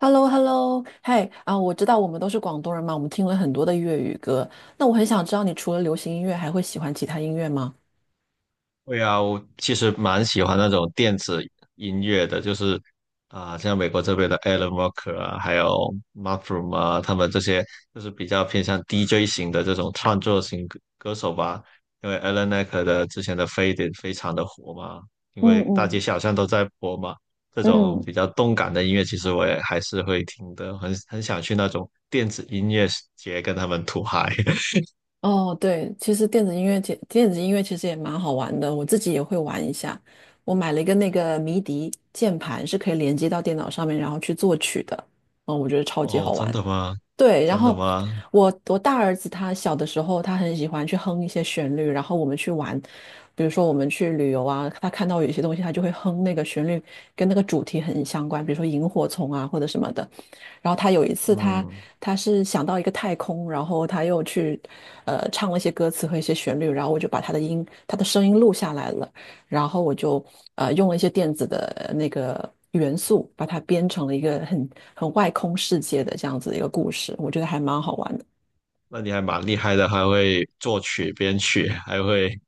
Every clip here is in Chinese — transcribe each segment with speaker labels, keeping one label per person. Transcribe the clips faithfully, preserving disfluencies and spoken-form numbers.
Speaker 1: h e l l o h e l l o 嘿啊，我知道我们都是广东人嘛，我们听了很多的粤语歌。那我很想知道，你除了流行音乐，还会喜欢其他音乐吗？
Speaker 2: 对啊，我其实蛮喜欢那种电子音乐的，就是啊、像美国这边的 Alan Walker 啊，还有 m u s r o o m 啊，他们这些就是比较偏向 D J 型的这种创作型歌歌手吧。因为 Alan Walker 的之前的《Faded》非常的火嘛，因
Speaker 1: 嗯
Speaker 2: 为大街
Speaker 1: 嗯。
Speaker 2: 小巷都在播嘛。这种
Speaker 1: 嗯。
Speaker 2: 比较动感的音乐，其实我也还是会听的，很很想去那种电子音乐节跟他们吐嗨。
Speaker 1: 哦，对，其实电子音乐节，电子音乐其实也蛮好玩的，我自己也会玩一下。我买了一个那个迷笛键盘，是可以连接到电脑上面，然后去作曲的。嗯，我觉得超级
Speaker 2: 哦，
Speaker 1: 好
Speaker 2: 真
Speaker 1: 玩。
Speaker 2: 的吗？
Speaker 1: 对，然
Speaker 2: 真的
Speaker 1: 后
Speaker 2: 吗？
Speaker 1: 我我大儿子他小的时候，他很喜欢去哼一些旋律，然后我们去玩，比如说我们去旅游啊，他看到有一些东西，他就会哼那个旋律，跟那个主题很相关，比如说萤火虫啊或者什么的。然后他有一次他
Speaker 2: 嗯。
Speaker 1: 他是想到一个太空，然后他又去呃唱了一些歌词和一些旋律，然后我就把他的音他的声音录下来了。然后我就呃用了一些电子的那个元素，把它编成了一个很很外空世界的这样子的一个故事，我觉得还蛮好玩的。
Speaker 2: 那你还蛮厉害的，还会作曲、编曲，还会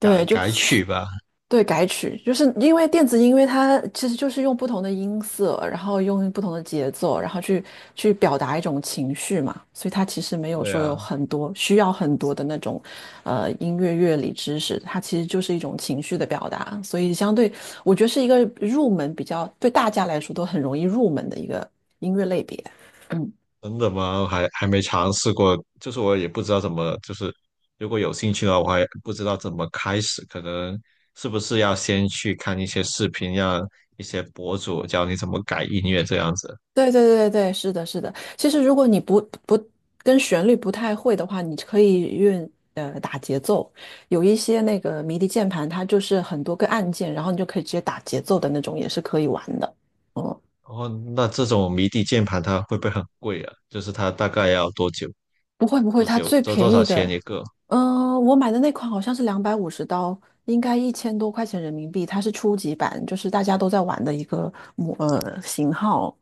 Speaker 2: 改
Speaker 1: 就
Speaker 2: 改曲吧？
Speaker 1: 对，改曲就是因为电子音乐，它其实就是用不同的音色，然后用不同的节奏，然后去去表达一种情绪嘛，所以它其实没有
Speaker 2: 对
Speaker 1: 说有
Speaker 2: 啊，
Speaker 1: 很多需要很多的那种呃音乐乐理知识，它其实就是一种情绪的表达，所以相对我觉得是一个入门比较对大家来说都很容易入门的一个音乐类别。嗯。
Speaker 2: 真的吗？还还没尝试过，就是我也不知道怎么，就是如果有兴趣的话，我还不知道怎么开始，可能是不是要先去看一些视频，让一些博主教你怎么改音乐这样子。
Speaker 1: 对对对对，是的，是的。其实如果你不不跟旋律不太会的话，你可以用呃打节奏。有一些那个迷笛键盘，它就是很多个按键，然后你就可以直接打节奏的那种，也是可以玩的。哦，
Speaker 2: 然后，那这种迷笛键盘它会不会很贵啊？就是它大概要多久？
Speaker 1: 不会不会，
Speaker 2: 多
Speaker 1: 它
Speaker 2: 久？
Speaker 1: 最
Speaker 2: 多
Speaker 1: 便
Speaker 2: 多少
Speaker 1: 宜
Speaker 2: 钱
Speaker 1: 的，
Speaker 2: 一个？
Speaker 1: 嗯，我买的那款好像是两百五十刀，应该一千多块钱人民币。它是初级版，就是大家都在玩的一个模呃型号。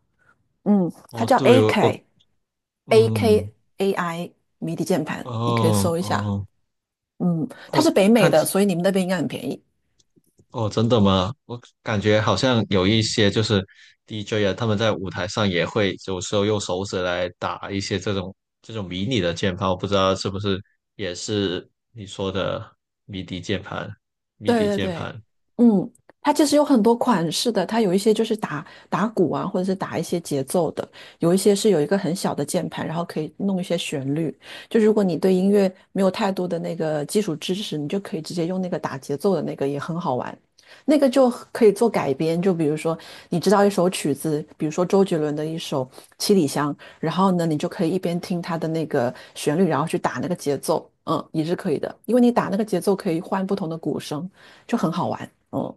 Speaker 1: 嗯，它
Speaker 2: 哦，
Speaker 1: 叫
Speaker 2: 对，我我
Speaker 1: A K
Speaker 2: 嗯。
Speaker 1: AKAI 迷笛键盘，你可以
Speaker 2: 哦
Speaker 1: 搜一下。
Speaker 2: 哦，
Speaker 1: 嗯，它是
Speaker 2: 我
Speaker 1: 北美
Speaker 2: 看
Speaker 1: 的，
Speaker 2: 起
Speaker 1: 所以你们那边应该很便宜。
Speaker 2: 哦，真的吗？我感觉好像有一些就是 D J 啊，他们在舞台上也会有时候用手指来打一些这种这种迷你的键盘，我不知道是不是也是你说的迷笛键盘、迷
Speaker 1: 对
Speaker 2: 笛
Speaker 1: 对
Speaker 2: 键
Speaker 1: 对，
Speaker 2: 盘。
Speaker 1: 嗯，它其实有很多款式的，它有一些就是打打鼓啊，或者是打一些节奏的，有一些是有一个很小的键盘，然后可以弄一些旋律。就如果你对音乐没有太多的那个基础知识，你就可以直接用那个打节奏的那个，也很好玩。那个就可以做改编，就比如说你知道一首曲子，比如说周杰伦的一首《七里香》，然后呢，你就可以一边听它的那个旋律，然后去打那个节奏，嗯，也是可以的，因为你打那个节奏可以换不同的鼓声。就很好玩。哦，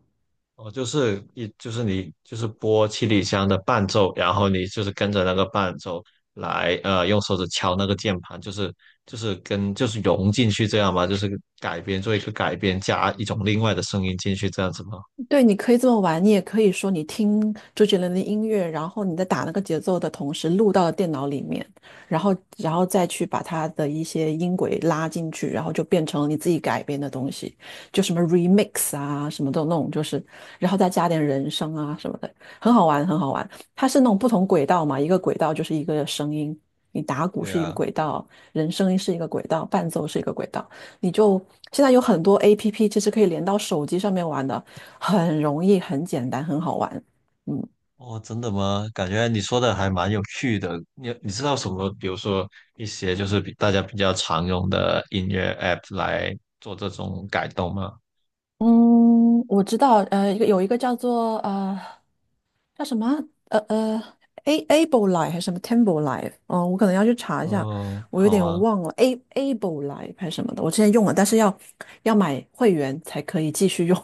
Speaker 2: 哦，就是一就是你就是播七里香的伴奏，然后你就是跟着那个伴奏来，呃，用手指敲那个键盘，就是就是跟就是融进去这样嘛，就是改编做一个改编，加一种另外的声音进去这样子吗？
Speaker 1: 对，你可以这么玩，你也可以说你听周杰伦的音乐，然后你在打那个节奏的同时录到了电脑里面，然后然后再去把它的一些音轨拉进去，然后就变成了你自己改编的东西，就什么 remix 啊，什么的那种，就是，然后再加点人声啊什么的，很好玩，很好玩。它是那种不同轨道嘛，一个轨道就是一个声音，你打鼓
Speaker 2: 对
Speaker 1: 是一个
Speaker 2: 啊，
Speaker 1: 轨道，人声音是一个轨道，伴奏是一个轨道，你就现在有很多 A P P 其实可以连到手机上面玩的。很容易、很简单、很好玩。嗯。
Speaker 2: 哦，真的吗？感觉你说的还蛮有趣的。你你知道什么？比如说一些就是比大家比较常用的音乐 app 来做这种改动吗？
Speaker 1: 嗯，我知道，呃，一个有一个叫做呃叫什么呃呃 A Able Life 还是什么 Temple Life，嗯，我可能要去查一下，
Speaker 2: 哦，
Speaker 1: 我有
Speaker 2: 好
Speaker 1: 点
Speaker 2: 啊。
Speaker 1: 忘了 A Able Life 还是什么的，我之前用了，但是要要买会员才可以继续用，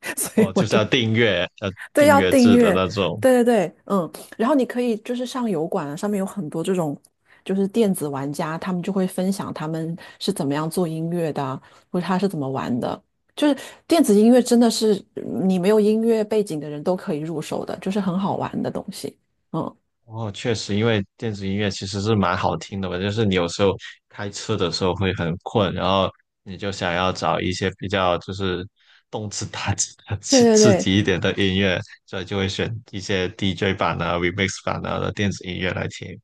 Speaker 1: 所以
Speaker 2: 哦，
Speaker 1: 我
Speaker 2: 就是
Speaker 1: 就
Speaker 2: 要订阅，要
Speaker 1: 对，
Speaker 2: 订
Speaker 1: 要
Speaker 2: 阅
Speaker 1: 订
Speaker 2: 制的
Speaker 1: 阅，
Speaker 2: 那种。
Speaker 1: 对对对，嗯，然后你可以就是上油管啊，上面有很多这种就是电子玩家，他们就会分享他们是怎么样做音乐的啊或者他是怎么玩的。就是电子音乐真的是嗯你没有音乐背景的人都可以入手的，就是很好玩的东西。嗯，
Speaker 2: 哦，确实，因为电子音乐其实是蛮好听的嘛，就是你有时候开车的时候会很困，然后你就想要找一些比较就是动次打次的、刺
Speaker 1: 对对
Speaker 2: 刺
Speaker 1: 对，
Speaker 2: 激一点的音乐，所以就会选一些 D J 版啊、remix 版啊的电子音乐来听。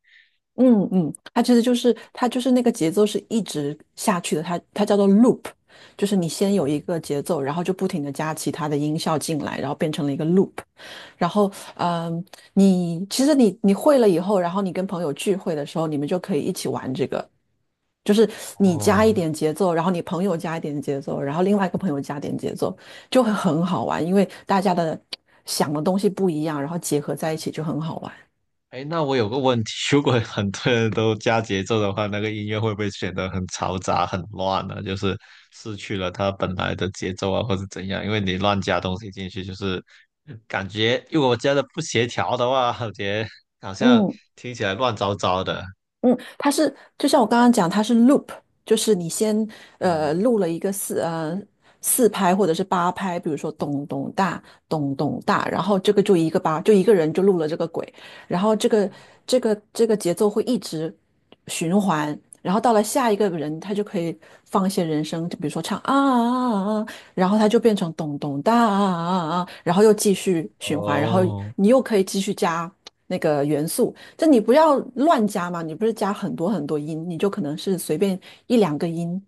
Speaker 1: 嗯嗯，它其实就是它就是那个节奏是一直下去的，它它叫做 loop，就是你先有一个节奏，然后就不停的加其他的音效进来，然后变成了一个 loop。然后，嗯，你其实你你会了以后，然后你跟朋友聚会的时候，你们就可以一起玩这个，就是你加一
Speaker 2: 哦，
Speaker 1: 点节奏，然后你朋友加一点节奏，然后另外一个朋友加点节奏，就会很好玩，因为大家的想的东西不一样，然后结合在一起就很好玩。
Speaker 2: 哎，那我有个问题，如果很多人都加节奏的话，那个音乐会不会显得很嘈杂、很乱呢？就是失去了它本来的节奏啊，或者怎样？因为你乱加东西进去，就是感觉如果我加的不协调的话，感觉好像
Speaker 1: 嗯。
Speaker 2: 听起来乱糟糟的。
Speaker 1: 嗯，它是就像我刚刚讲，它是 loop，就是你先呃
Speaker 2: 嗯，
Speaker 1: 录了一个四呃四拍或者是八拍，比如说咚咚大咚咚大，然后这个就一个八，就一个人就录了这个轨，然后这个这个这个节奏会一直循环，然后到了下一个人，他就可以放一些人声，就比如说唱啊啊啊，啊然后他就变成咚咚哒啊啊啊，啊然后又继续循环，然后
Speaker 2: 哦，
Speaker 1: 你又可以继续加那个元素。就你不要乱加嘛，你不是加很多很多音，你就可能是随便一两个音，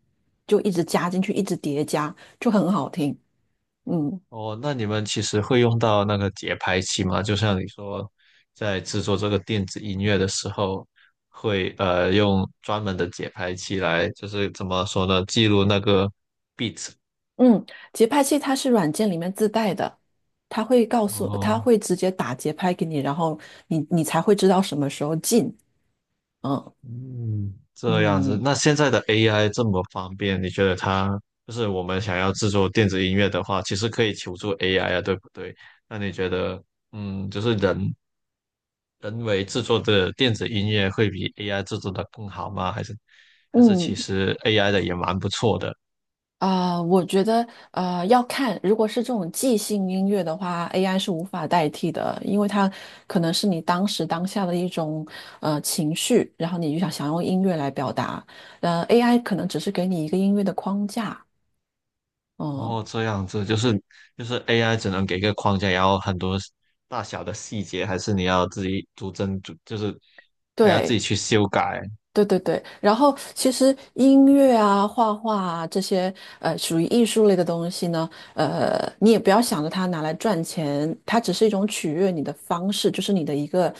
Speaker 1: 就一直加进去，一直叠加，就很好听。嗯。
Speaker 2: 哦，那你们其实会用到那个节拍器吗？就像你说，在制作这个电子音乐的时候，会呃用专门的节拍器来，就是怎么说呢，记录那个 beat。
Speaker 1: 嗯，节拍器它是软件里面自带的，它会告诉，它
Speaker 2: 哦，
Speaker 1: 会直接打节拍给你，然后你你才会知道什么时候进。嗯。
Speaker 2: 嗯，这样子。
Speaker 1: 嗯。
Speaker 2: 那现在的 A I 这么方便，你觉得它就是我们想要制作电子音乐的话，其实可以求助 A I 啊，对不对？那你觉得，嗯，就是人人为制作的电子音乐会比 A I 制作的更好吗？还是还是其
Speaker 1: 嗯。
Speaker 2: 实 A I 的也蛮不错的？
Speaker 1: 啊，我觉得呃要看，如果是这种即兴音乐的话，A I 是无法代替的，因为它可能是你当时当下的一种呃情绪，然后你就想想用音乐来表达，呃，A I 可能只是给你一个音乐的框架，嗯，
Speaker 2: 哦，这样子就是就是 A I 只能给个框架，然后很多大小的细节还是你要自己逐帧逐，就是还要自己
Speaker 1: 对，
Speaker 2: 去修改。
Speaker 1: 对对对，然后其实音乐啊、画画啊这些，呃，属于艺术类的东西呢，呃，你也不要想着它拿来赚钱，它只是一种取悦你的方式，就是你的一个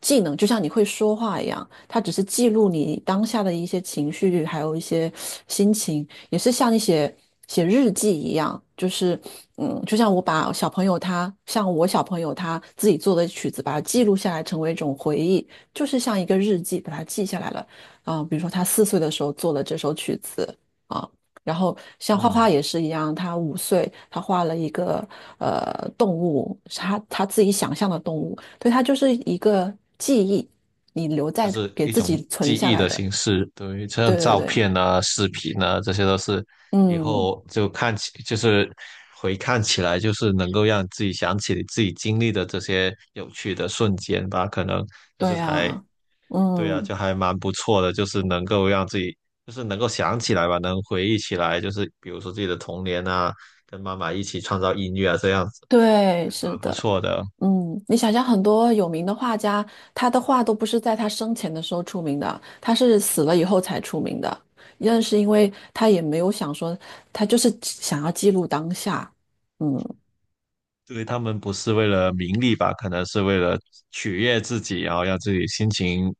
Speaker 1: 技能，就像你会说话一样，它只是记录你当下的一些情绪，还有一些心情，也是像你写写日记一样，就是嗯，就像我把小朋友他，像我小朋友他自己做的曲子，把它记录下来，成为一种回忆。就是像一个日记，把它记下来了。啊，比如说他四岁的时候做了这首曲子。啊，然后像画画
Speaker 2: 嗯，
Speaker 1: 也是一样，他五岁他画了一个呃动物，是他他自己想象的动物，对，他就是一个记忆，你留
Speaker 2: 就
Speaker 1: 在
Speaker 2: 是
Speaker 1: 给
Speaker 2: 一
Speaker 1: 自
Speaker 2: 种
Speaker 1: 己存
Speaker 2: 记
Speaker 1: 下
Speaker 2: 忆
Speaker 1: 来
Speaker 2: 的
Speaker 1: 的，
Speaker 2: 形式，等于
Speaker 1: 对
Speaker 2: 像
Speaker 1: 对
Speaker 2: 照
Speaker 1: 对，
Speaker 2: 片啊、视频啊，这些都是以
Speaker 1: 嗯，
Speaker 2: 后就看起，就是回看起来，就是能够让自己想起你自己经历的这些有趣的瞬间吧。可能就是
Speaker 1: 对
Speaker 2: 还，
Speaker 1: 啊，
Speaker 2: 对啊，
Speaker 1: 嗯，
Speaker 2: 就还蛮不错的，就是能够让自己，就是能够想起来吧，能回忆起来，就是比如说自己的童年啊，跟妈妈一起创造音乐啊，这样子
Speaker 1: 对，
Speaker 2: 还
Speaker 1: 是
Speaker 2: 蛮不
Speaker 1: 的。
Speaker 2: 错的。
Speaker 1: 嗯，你想想，很多有名的画家，他的画都不是在他生前的时候出名的，他是死了以后才出名的。认是因为他也没有想说，他就是想要记录当下。嗯。
Speaker 2: 对他们不是为了名利吧，可能是为了取悦自己，然后让自己心情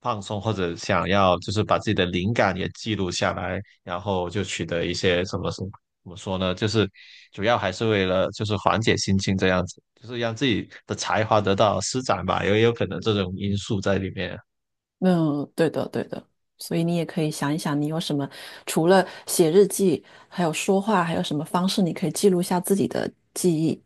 Speaker 2: 放松，或者想要就是把自己的灵感也记录下来，然后就取得一些什么什么怎么说呢？就是主要还是为了就是缓解心情这样子，就是让自己的才华得到施展吧，也有可能这种因素在里面。
Speaker 1: 嗯，对的对的。所以你也可以想一想，你有什么除了写日记，还有说话，还有什么方式你可以记录下自己的记忆？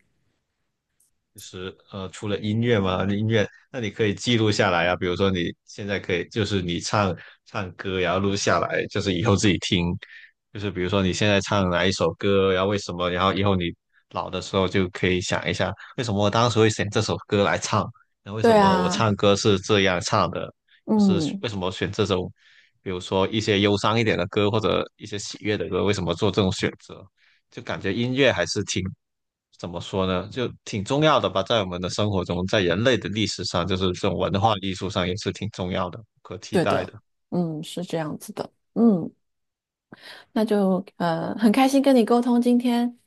Speaker 2: 就是呃，除了音乐嘛，音乐，那你可以记录下来啊。比如说你现在可以，就是你唱唱歌，然后录下来，就是以后自己听。就是比如说你现在唱哪一首歌，然后为什么，然后以后你老的时候就可以想一下，为什么我当时会选这首歌来唱，然后为什
Speaker 1: 对
Speaker 2: 么我
Speaker 1: 啊，
Speaker 2: 唱歌是这样唱的，不是
Speaker 1: 嗯，
Speaker 2: 为什么选这种，比如说一些忧伤一点的歌或者一些喜悦的歌，为什么做这种选择？就感觉音乐还是挺怎么说呢，就挺重要的吧，在我们的生活中，在人类的历史上，就是这种文化艺术上也是挺重要的，不可替
Speaker 1: 对
Speaker 2: 代
Speaker 1: 的，
Speaker 2: 的。
Speaker 1: 嗯，是这样子的。嗯，那就呃，很开心跟你沟通今天。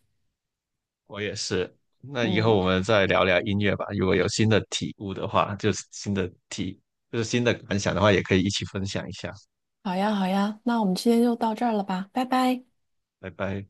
Speaker 2: 我也是。那以后
Speaker 1: 嗯，
Speaker 2: 我们再聊聊音乐吧，如果有新的体悟的话，就是新的体，就是新的感想的话，也可以一起分享一下。
Speaker 1: 好呀，好呀，那我们今天就到这儿了吧，拜拜。
Speaker 2: 拜拜。